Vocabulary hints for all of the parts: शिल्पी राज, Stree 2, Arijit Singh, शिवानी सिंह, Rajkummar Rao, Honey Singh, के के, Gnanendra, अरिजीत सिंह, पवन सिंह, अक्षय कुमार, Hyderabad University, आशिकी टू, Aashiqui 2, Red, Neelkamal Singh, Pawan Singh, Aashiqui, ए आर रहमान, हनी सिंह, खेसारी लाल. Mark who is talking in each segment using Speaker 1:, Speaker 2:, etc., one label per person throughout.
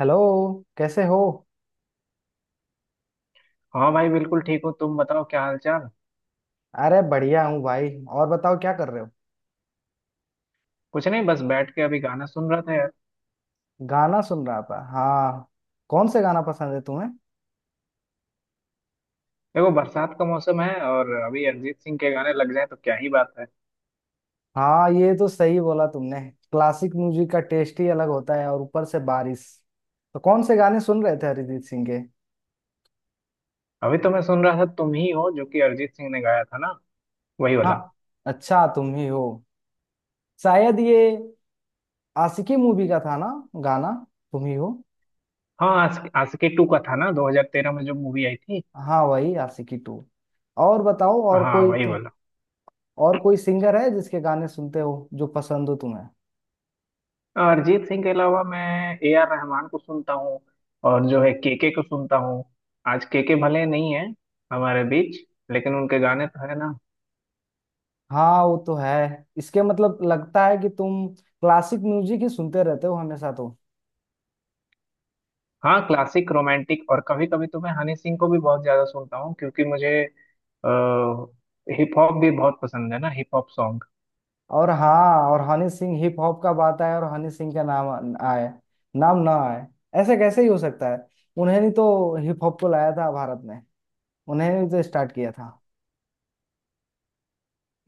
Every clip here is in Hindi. Speaker 1: हेलो। कैसे हो?
Speaker 2: हाँ भाई, बिल्कुल ठीक हो। तुम बताओ, क्या हाल चाल।
Speaker 1: अरे बढ़िया हूँ भाई। और बताओ क्या कर रहे हो?
Speaker 2: कुछ नहीं, बस बैठ के अभी गाना सुन रहा था यार।
Speaker 1: गाना सुन रहा था हाँ। कौन से गाना पसंद है तुम्हें?
Speaker 2: देखो, बरसात का मौसम है और अभी अरिजीत सिंह के गाने लग जाए तो क्या ही बात है।
Speaker 1: हाँ ये तो सही बोला तुमने। क्लासिक म्यूजिक का टेस्ट ही अलग होता है और ऊपर से बारिश। तो कौन से गाने सुन रहे थे अरिजीत सिंह के?
Speaker 2: अभी तो मैं सुन रहा था तुम ही हो, जो कि अरिजीत सिंह ने गाया था ना, वही
Speaker 1: हाँ।
Speaker 2: वाला।
Speaker 1: अच्छा तुम ही हो। शायद ये आशिकी मूवी का था ना गाना। तुम ही हो।
Speaker 2: हाँ आशिकी टू का था ना, 2013 में जो मूवी आई थी।
Speaker 1: हाँ वही आशिकी टू। और बताओ और
Speaker 2: हाँ
Speaker 1: कोई
Speaker 2: वही
Speaker 1: तुम।
Speaker 2: वाला।
Speaker 1: और कोई सिंगर है जिसके गाने सुनते हो जो पसंद हो तुम्हें?
Speaker 2: अरिजीत सिंह के अलावा मैं ए आर रहमान को सुनता हूँ, और जो है के को सुनता हूँ। आज के भले नहीं है हमारे बीच, लेकिन उनके गाने तो है ना।
Speaker 1: हाँ वो तो है। इसके मतलब लगता है कि तुम क्लासिक म्यूजिक ही सुनते रहते हो हमेशा तो।
Speaker 2: हाँ, क्लासिक, रोमांटिक और कभी कभी तो मैं हनी सिंह को भी बहुत ज्यादा सुनता हूँ, क्योंकि मुझे हिप हॉप भी बहुत पसंद है ना, हिप हॉप सॉन्ग।
Speaker 1: और हाँ और हनी सिंह। हिप हॉप का बात आए और हनी सिंह का नाम आए। नाम ना आए ऐसे कैसे ही हो सकता है। उन्हें नहीं तो हिप हॉप को लाया था भारत में। उन्हें नहीं तो स्टार्ट किया था।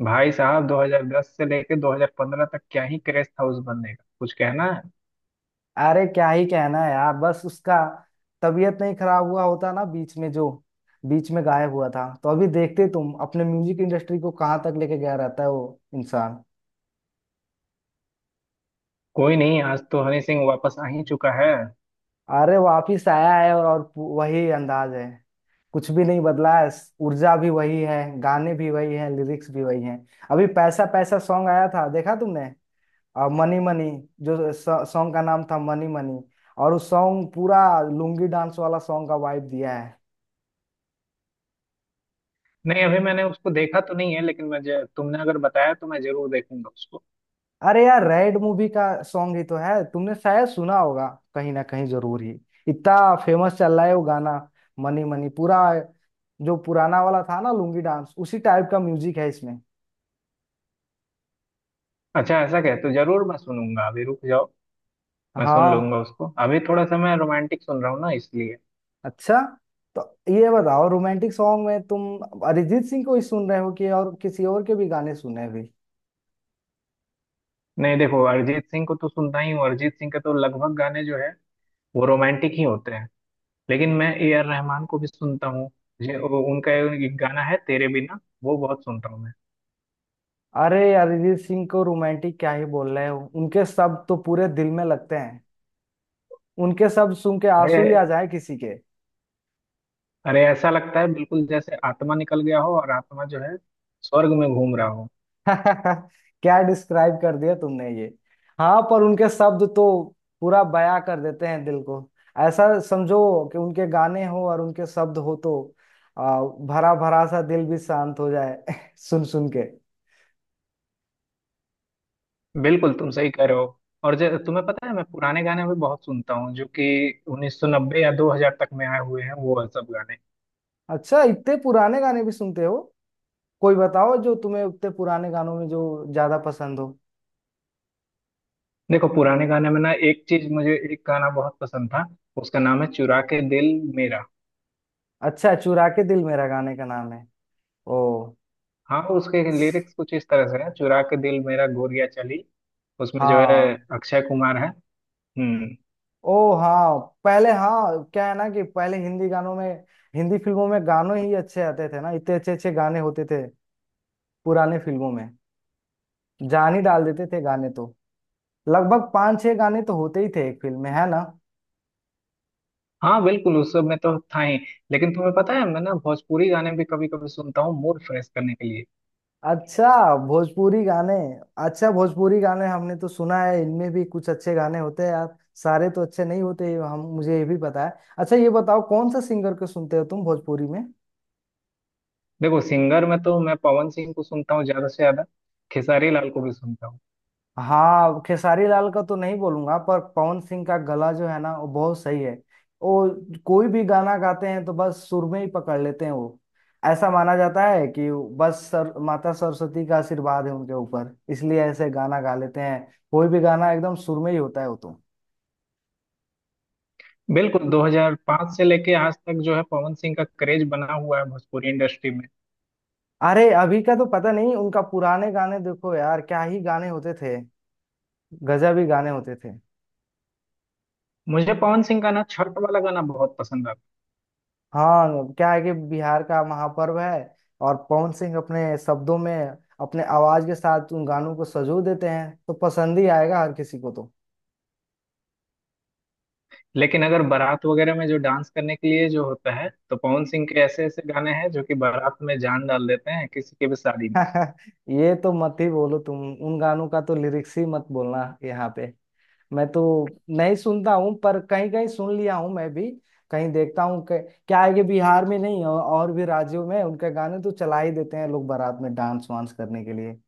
Speaker 2: भाई साहब, 2010 से लेके 2015 तक क्या ही क्रेज था उस बंदे का, कुछ कहना है।
Speaker 1: अरे क्या ही कहना है यार बस उसका। तबीयत नहीं खराब हुआ होता ना बीच में जो बीच में गायब हुआ था तो अभी देखते तुम अपने म्यूजिक इंडस्ट्री को कहाँ तक लेके गया रहता है वो इंसान।
Speaker 2: कोई नहीं, आज तो हनी सिंह वापस आ ही चुका है।
Speaker 1: अरे वापिस आया है और वही अंदाज है। कुछ भी नहीं बदला है। ऊर्जा भी वही है, गाने भी वही है, लिरिक्स भी वही हैं। अभी पैसा पैसा सॉन्ग आया था, देखा तुमने? और मनी मनी जो सॉन्ग का नाम था, मनी मनी। और उस सॉन्ग पूरा लुंगी डांस वाला सॉन्ग का वाइब दिया है।
Speaker 2: नहीं, अभी मैंने उसको देखा तो नहीं है, लेकिन मैं तुमने अगर बताया तो मैं जरूर देखूंगा उसको।
Speaker 1: अरे यार रेड मूवी का सॉन्ग ही तो है, तुमने शायद सुना होगा। कहीं ना कहीं जरूर ही इतना फेमस चल रहा है वो गाना। मनी मनी पूरा जो पुराना वाला था ना लुंगी डांस उसी टाइप का म्यूजिक है इसमें।
Speaker 2: अच्छा, ऐसा कह तो जरूर मैं सुनूंगा। अभी रुक जाओ, मैं सुन
Speaker 1: हाँ।
Speaker 2: लूंगा उसको। अभी थोड़ा सा मैं रोमांटिक सुन रहा हूँ ना, इसलिए।
Speaker 1: अच्छा तो ये बताओ रोमांटिक सॉन्ग में तुम अरिजीत सिंह को ही सुन रहे हो कि और किसी और के भी गाने सुने भी?
Speaker 2: नहीं देखो, अरिजीत सिंह को तो सुनता ही हूँ। अरिजीत सिंह के तो लगभग गाने जो है वो रोमांटिक ही होते हैं। लेकिन मैं ए आर रहमान को भी सुनता हूँ। उनका एक गाना है, तेरे बिना, वो बहुत सुनता हूँ मैं।
Speaker 1: अरे अरिजीत सिंह को रोमांटिक क्या ही बोल रहे हो, उनके शब्द तो पूरे दिल में लगते हैं। उनके शब्द सुन के आंसू
Speaker 2: अरे,
Speaker 1: ही आ जाए किसी के।
Speaker 2: अरे, ऐसा लगता है बिल्कुल जैसे आत्मा निकल गया हो और आत्मा जो है स्वर्ग में घूम रहा हो।
Speaker 1: क्या डिस्क्राइब कर दिया तुमने ये। हाँ पर उनके शब्द तो पूरा बयां कर देते हैं दिल को। ऐसा समझो कि उनके गाने हो और उनके शब्द हो तो आ, भरा भरा सा दिल भी शांत हो जाए सुन सुन के।
Speaker 2: बिल्कुल, तुम सही कह रहे हो। और जो, तुम्हें पता है, मैं पुराने गाने भी बहुत सुनता हूँ, जो कि 1990 या 2000 तक में आए हुए हैं वो सब गाने।
Speaker 1: अच्छा इतने पुराने गाने भी सुनते हो? कोई बताओ जो तुम्हें उतने पुराने गानों में जो ज्यादा पसंद हो।
Speaker 2: देखो, पुराने गाने में ना एक चीज, मुझे एक गाना बहुत पसंद था। उसका नाम है चुरा के दिल मेरा।
Speaker 1: अच्छा चुरा के दिल मेरा गाने का नाम है। ओ
Speaker 2: हाँ, उसके लिरिक्स कुछ इस तरह से है, चुरा के दिल मेरा गोरिया चली। उसमें जो है
Speaker 1: हाँ।
Speaker 2: अक्षय कुमार है। हम्म।
Speaker 1: ओ हाँ पहले। हाँ क्या है ना कि पहले हिंदी गानों में हिंदी फिल्मों में गानों ही अच्छे आते थे ना। इतने अच्छे अच्छे गाने होते थे पुराने फिल्मों में। जान ही डाल देते थे गाने तो। लगभग पांच छह गाने तो होते ही थे एक फिल्म में, है ना?
Speaker 2: हाँ बिल्कुल, उस सब में तो था ही। लेकिन तुम्हें पता है, मैं ना भोजपुरी गाने भी कभी कभी सुनता हूँ मूड फ्रेश करने के लिए।
Speaker 1: अच्छा भोजपुरी गाने। अच्छा भोजपुरी गाने हमने तो सुना है, इनमें भी कुछ अच्छे गाने होते हैं यार। सारे तो अच्छे नहीं होते ये हम मुझे ये भी पता है। अच्छा ये बताओ कौन सा सिंगर को सुनते हो तुम भोजपुरी में?
Speaker 2: देखो, सिंगर में तो मैं पवन सिंह को सुनता हूँ ज्यादा से ज्यादा। खेसारी लाल को भी सुनता हूँ।
Speaker 1: हाँ खेसारी लाल का तो नहीं बोलूंगा पर पवन सिंह का गला जो है ना वो बहुत सही है। वो कोई भी गाना गाते हैं तो बस सुर में ही पकड़ लेते हैं वो। ऐसा माना जाता है कि बस सर माता सरस्वती का आशीर्वाद है उनके ऊपर इसलिए ऐसे गाना गा लेते हैं। कोई भी गाना एकदम सुर में ही होता है वो तो।
Speaker 2: बिल्कुल, 2005 से लेके आज तक जो है पवन सिंह का क्रेज बना हुआ है भोजपुरी इंडस्ट्री में।
Speaker 1: अरे अभी का तो पता नहीं उनका, पुराने गाने देखो यार क्या ही गाने होते थे। गजब ही गाने होते थे।
Speaker 2: मुझे पवन सिंह का ना छठ वाला गाना बहुत पसंद आता
Speaker 1: हाँ क्या है कि बिहार का महापर्व है। और पवन सिंह अपने शब्दों में अपने आवाज के साथ उन गानों को सजो देते हैं तो पसंद ही आएगा हर किसी को तो।
Speaker 2: है। लेकिन अगर बारात वगैरह में जो डांस करने के लिए जो होता है, तो पवन सिंह के ऐसे ऐसे गाने हैं जो कि बारात में जान डाल देते हैं किसी की भी शादी में।
Speaker 1: ये तो मत ही बोलो तुम। उन गानों का तो लिरिक्स ही मत बोलना यहाँ पे। मैं तो नहीं सुनता हूँ पर कहीं कहीं सुन लिया हूँ मैं भी। कहीं देखता हूँ। क्या है कि बिहार में नहीं, और और भी राज्यों में उनके गाने तो चला ही देते हैं लोग बारात में डांस वांस करने के लिए।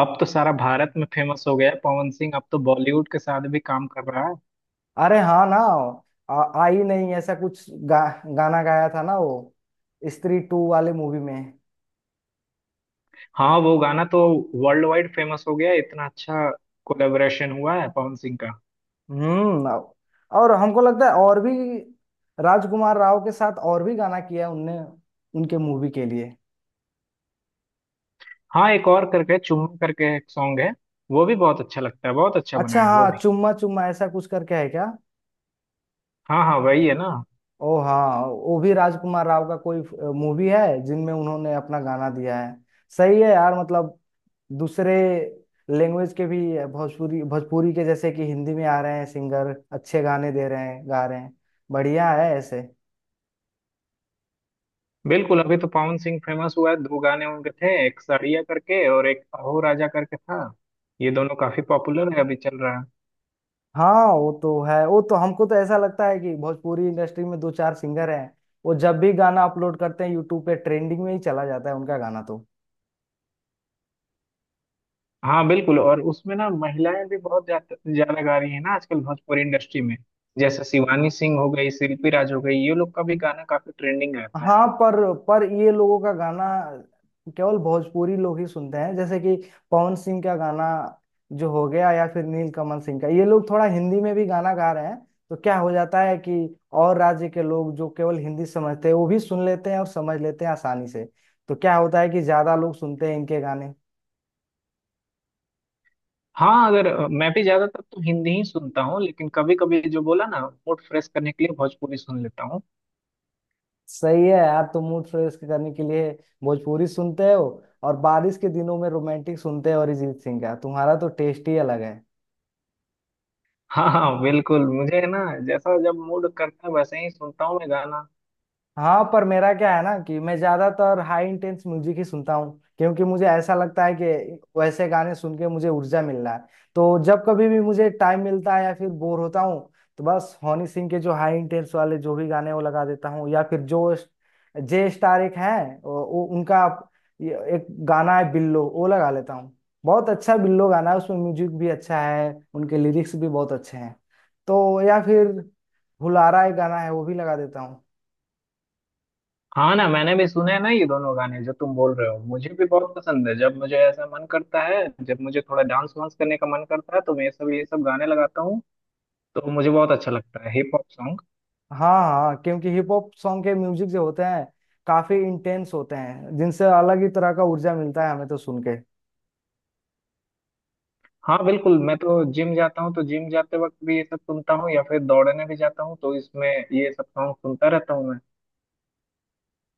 Speaker 2: अब तो सारा भारत में फेमस हो गया है पवन सिंह। अब तो बॉलीवुड के साथ भी काम कर रहा है।
Speaker 1: अरे हाँ ना। आई नहीं ऐसा कुछ गाना गाया था ना वो स्त्री टू वाले मूवी में।
Speaker 2: हाँ, वो गाना तो वर्ल्ड वाइड फेमस हो गया है, इतना अच्छा कोलेबोरेशन हुआ है पवन सिंह का।
Speaker 1: हम्म। और हमको लगता है और भी राजकुमार राव के साथ और भी गाना किया है उनने उनके मूवी के लिए।
Speaker 2: हाँ, एक और करके चुम्मा करके एक सॉन्ग है, वो भी बहुत अच्छा लगता है, बहुत अच्छा बना
Speaker 1: अच्छा
Speaker 2: है वो
Speaker 1: हाँ,
Speaker 2: भी।
Speaker 1: चुम्मा चुम्मा ऐसा कुछ करके है क्या?
Speaker 2: हाँ हाँ, वही है ना।
Speaker 1: ओ हाँ वो भी राजकुमार राव का कोई मूवी है जिनमें उन्होंने अपना गाना दिया है। सही है यार, मतलब दूसरे लैंग्वेज के भी, भोजपुरी भोजपुरी के जैसे कि हिंदी में आ रहे हैं सिंगर, अच्छे गाने दे रहे हैं, गा रहे हैं। बढ़िया है ऐसे।
Speaker 2: बिल्कुल, अभी तो पवन सिंह फेमस हुआ है। दो गाने उनके थे, एक साड़िया करके और एक अहो राजा करके था। ये दोनों काफी पॉपुलर है, अभी चल रहा है।
Speaker 1: हाँ वो तो है। वो तो हमको तो ऐसा लगता है कि भोजपुरी इंडस्ट्री में दो चार सिंगर हैं, वो जब भी गाना अपलोड करते हैं यूट्यूब पे ट्रेंडिंग में ही चला जाता है उनका गाना तो।
Speaker 2: हाँ बिल्कुल, और उसमें ना महिलाएं भी बहुत ज्यादा ज्यादा गा रही है ना आजकल भोजपुरी इंडस्ट्री में। जैसे शिवानी सिंह हो गई, शिल्पी राज हो गई, ये लोग का भी गाना काफी ट्रेंडिंग रहता है।
Speaker 1: हाँ पर ये लोगों का गाना केवल भोजपुरी लोग ही सुनते हैं जैसे कि पवन सिंह का गाना जो हो गया, या फिर नीलकमल सिंह का। ये लोग थोड़ा हिंदी में भी गाना गा रहे हैं तो क्या हो जाता है कि और राज्य के लोग जो केवल हिंदी समझते हैं वो भी सुन लेते हैं और समझ लेते हैं आसानी से। तो क्या होता है कि ज्यादा लोग सुनते हैं इनके गाने।
Speaker 2: हाँ, अगर अ, मैं भी ज्यादातर तो हिंदी ही सुनता हूँ, लेकिन कभी कभी जो बोला ना, मूड फ्रेश करने के लिए भोजपुरी सुन लेता हूँ।
Speaker 1: सही है यार, तो मूड फ्रेश करने के लिए भोजपुरी सुनते हो और बारिश के दिनों में रोमांटिक सुनते हो अरिजीत सिंह का, तुम्हारा तो टेस्ट ही अलग है।
Speaker 2: हाँ हाँ बिल्कुल, मुझे है ना, जैसा जब मूड करता है वैसे ही सुनता हूँ मैं गाना।
Speaker 1: हाँ पर मेरा क्या है ना कि मैं ज्यादातर हाई इंटेंस म्यूजिक ही सुनता हूँ क्योंकि मुझे ऐसा लगता है कि वैसे गाने सुन के मुझे ऊर्जा मिल रहा है। तो जब कभी भी मुझे टाइम मिलता है या फिर बोर होता हूँ तो बस हनी सिंह के जो हाई इंटेंस वाले जो भी गाने हैं, वो लगा देता हूँ। या फिर जो जे स्टार एक हैं उनका ये एक गाना है बिल्लो, वो लगा लेता हूँ। बहुत अच्छा बिल्लो गाना है, उसमें म्यूजिक भी अच्छा है, उनके लिरिक्स भी बहुत अच्छे हैं। तो या फिर हुलारा एक गाना है वो भी लगा देता हूँ।
Speaker 2: हाँ ना, मैंने भी सुने हैं ना ये दोनों गाने जो तुम बोल रहे हो, मुझे भी बहुत पसंद है। जब मुझे ऐसा मन करता है, जब मुझे थोड़ा डांस वांस करने का मन करता है, तो मैं ये सब गाने लगाता हूँ। तो मुझे बहुत अच्छा लगता है हिप हॉप सॉन्ग।
Speaker 1: हाँ हाँ क्योंकि हिप हॉप सॉन्ग के म्यूजिक जो होते हैं काफी इंटेंस होते हैं जिनसे अलग ही तरह का ऊर्जा मिलता है हमें तो सुन के।
Speaker 2: हाँ बिल्कुल, मैं तो जिम जाता हूँ, तो जिम जाते वक्त भी ये सब सुनता हूँ, या फिर दौड़ने भी जाता हूँ तो इसमें ये सब सॉन्ग सुनता रहता हूँ मैं।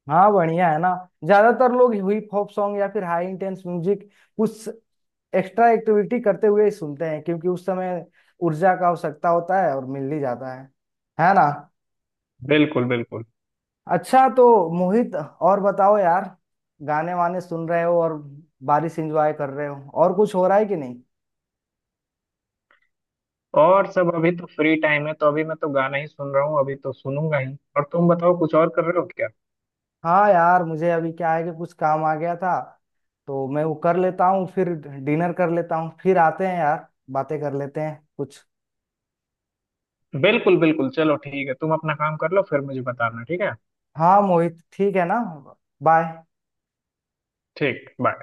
Speaker 1: हाँ बढ़िया है ना। ज्यादातर लोग हिप हॉप सॉन्ग या फिर हाई इंटेंस म्यूजिक कुछ एक्स्ट्रा एक्टिविटी करते हुए ही सुनते हैं क्योंकि उस समय ऊर्जा का आवश्यकता होता है और मिल ही जाता है ना?
Speaker 2: बिल्कुल बिल्कुल।
Speaker 1: अच्छा तो मोहित और बताओ यार, गाने वाने सुन रहे हो और बारिश एंजॉय कर रहे हो, और कुछ हो रहा है कि नहीं?
Speaker 2: और सब अभी तो फ्री टाइम है, तो अभी मैं तो गाना ही सुन रहा हूँ, अभी तो सुनूंगा ही। और तुम बताओ, कुछ और कर रहे हो क्या।
Speaker 1: हाँ यार मुझे अभी क्या है कि कुछ काम आ गया था तो मैं वो कर लेता हूँ, फिर डिनर कर लेता हूँ, फिर आते हैं यार बातें कर लेते हैं कुछ।
Speaker 2: बिल्कुल बिल्कुल, चलो ठीक है, तुम अपना काम कर लो, फिर मुझे बताना ठीक है।
Speaker 1: हाँ मोहित ठीक है ना। बाय।
Speaker 2: ठीक, बाय।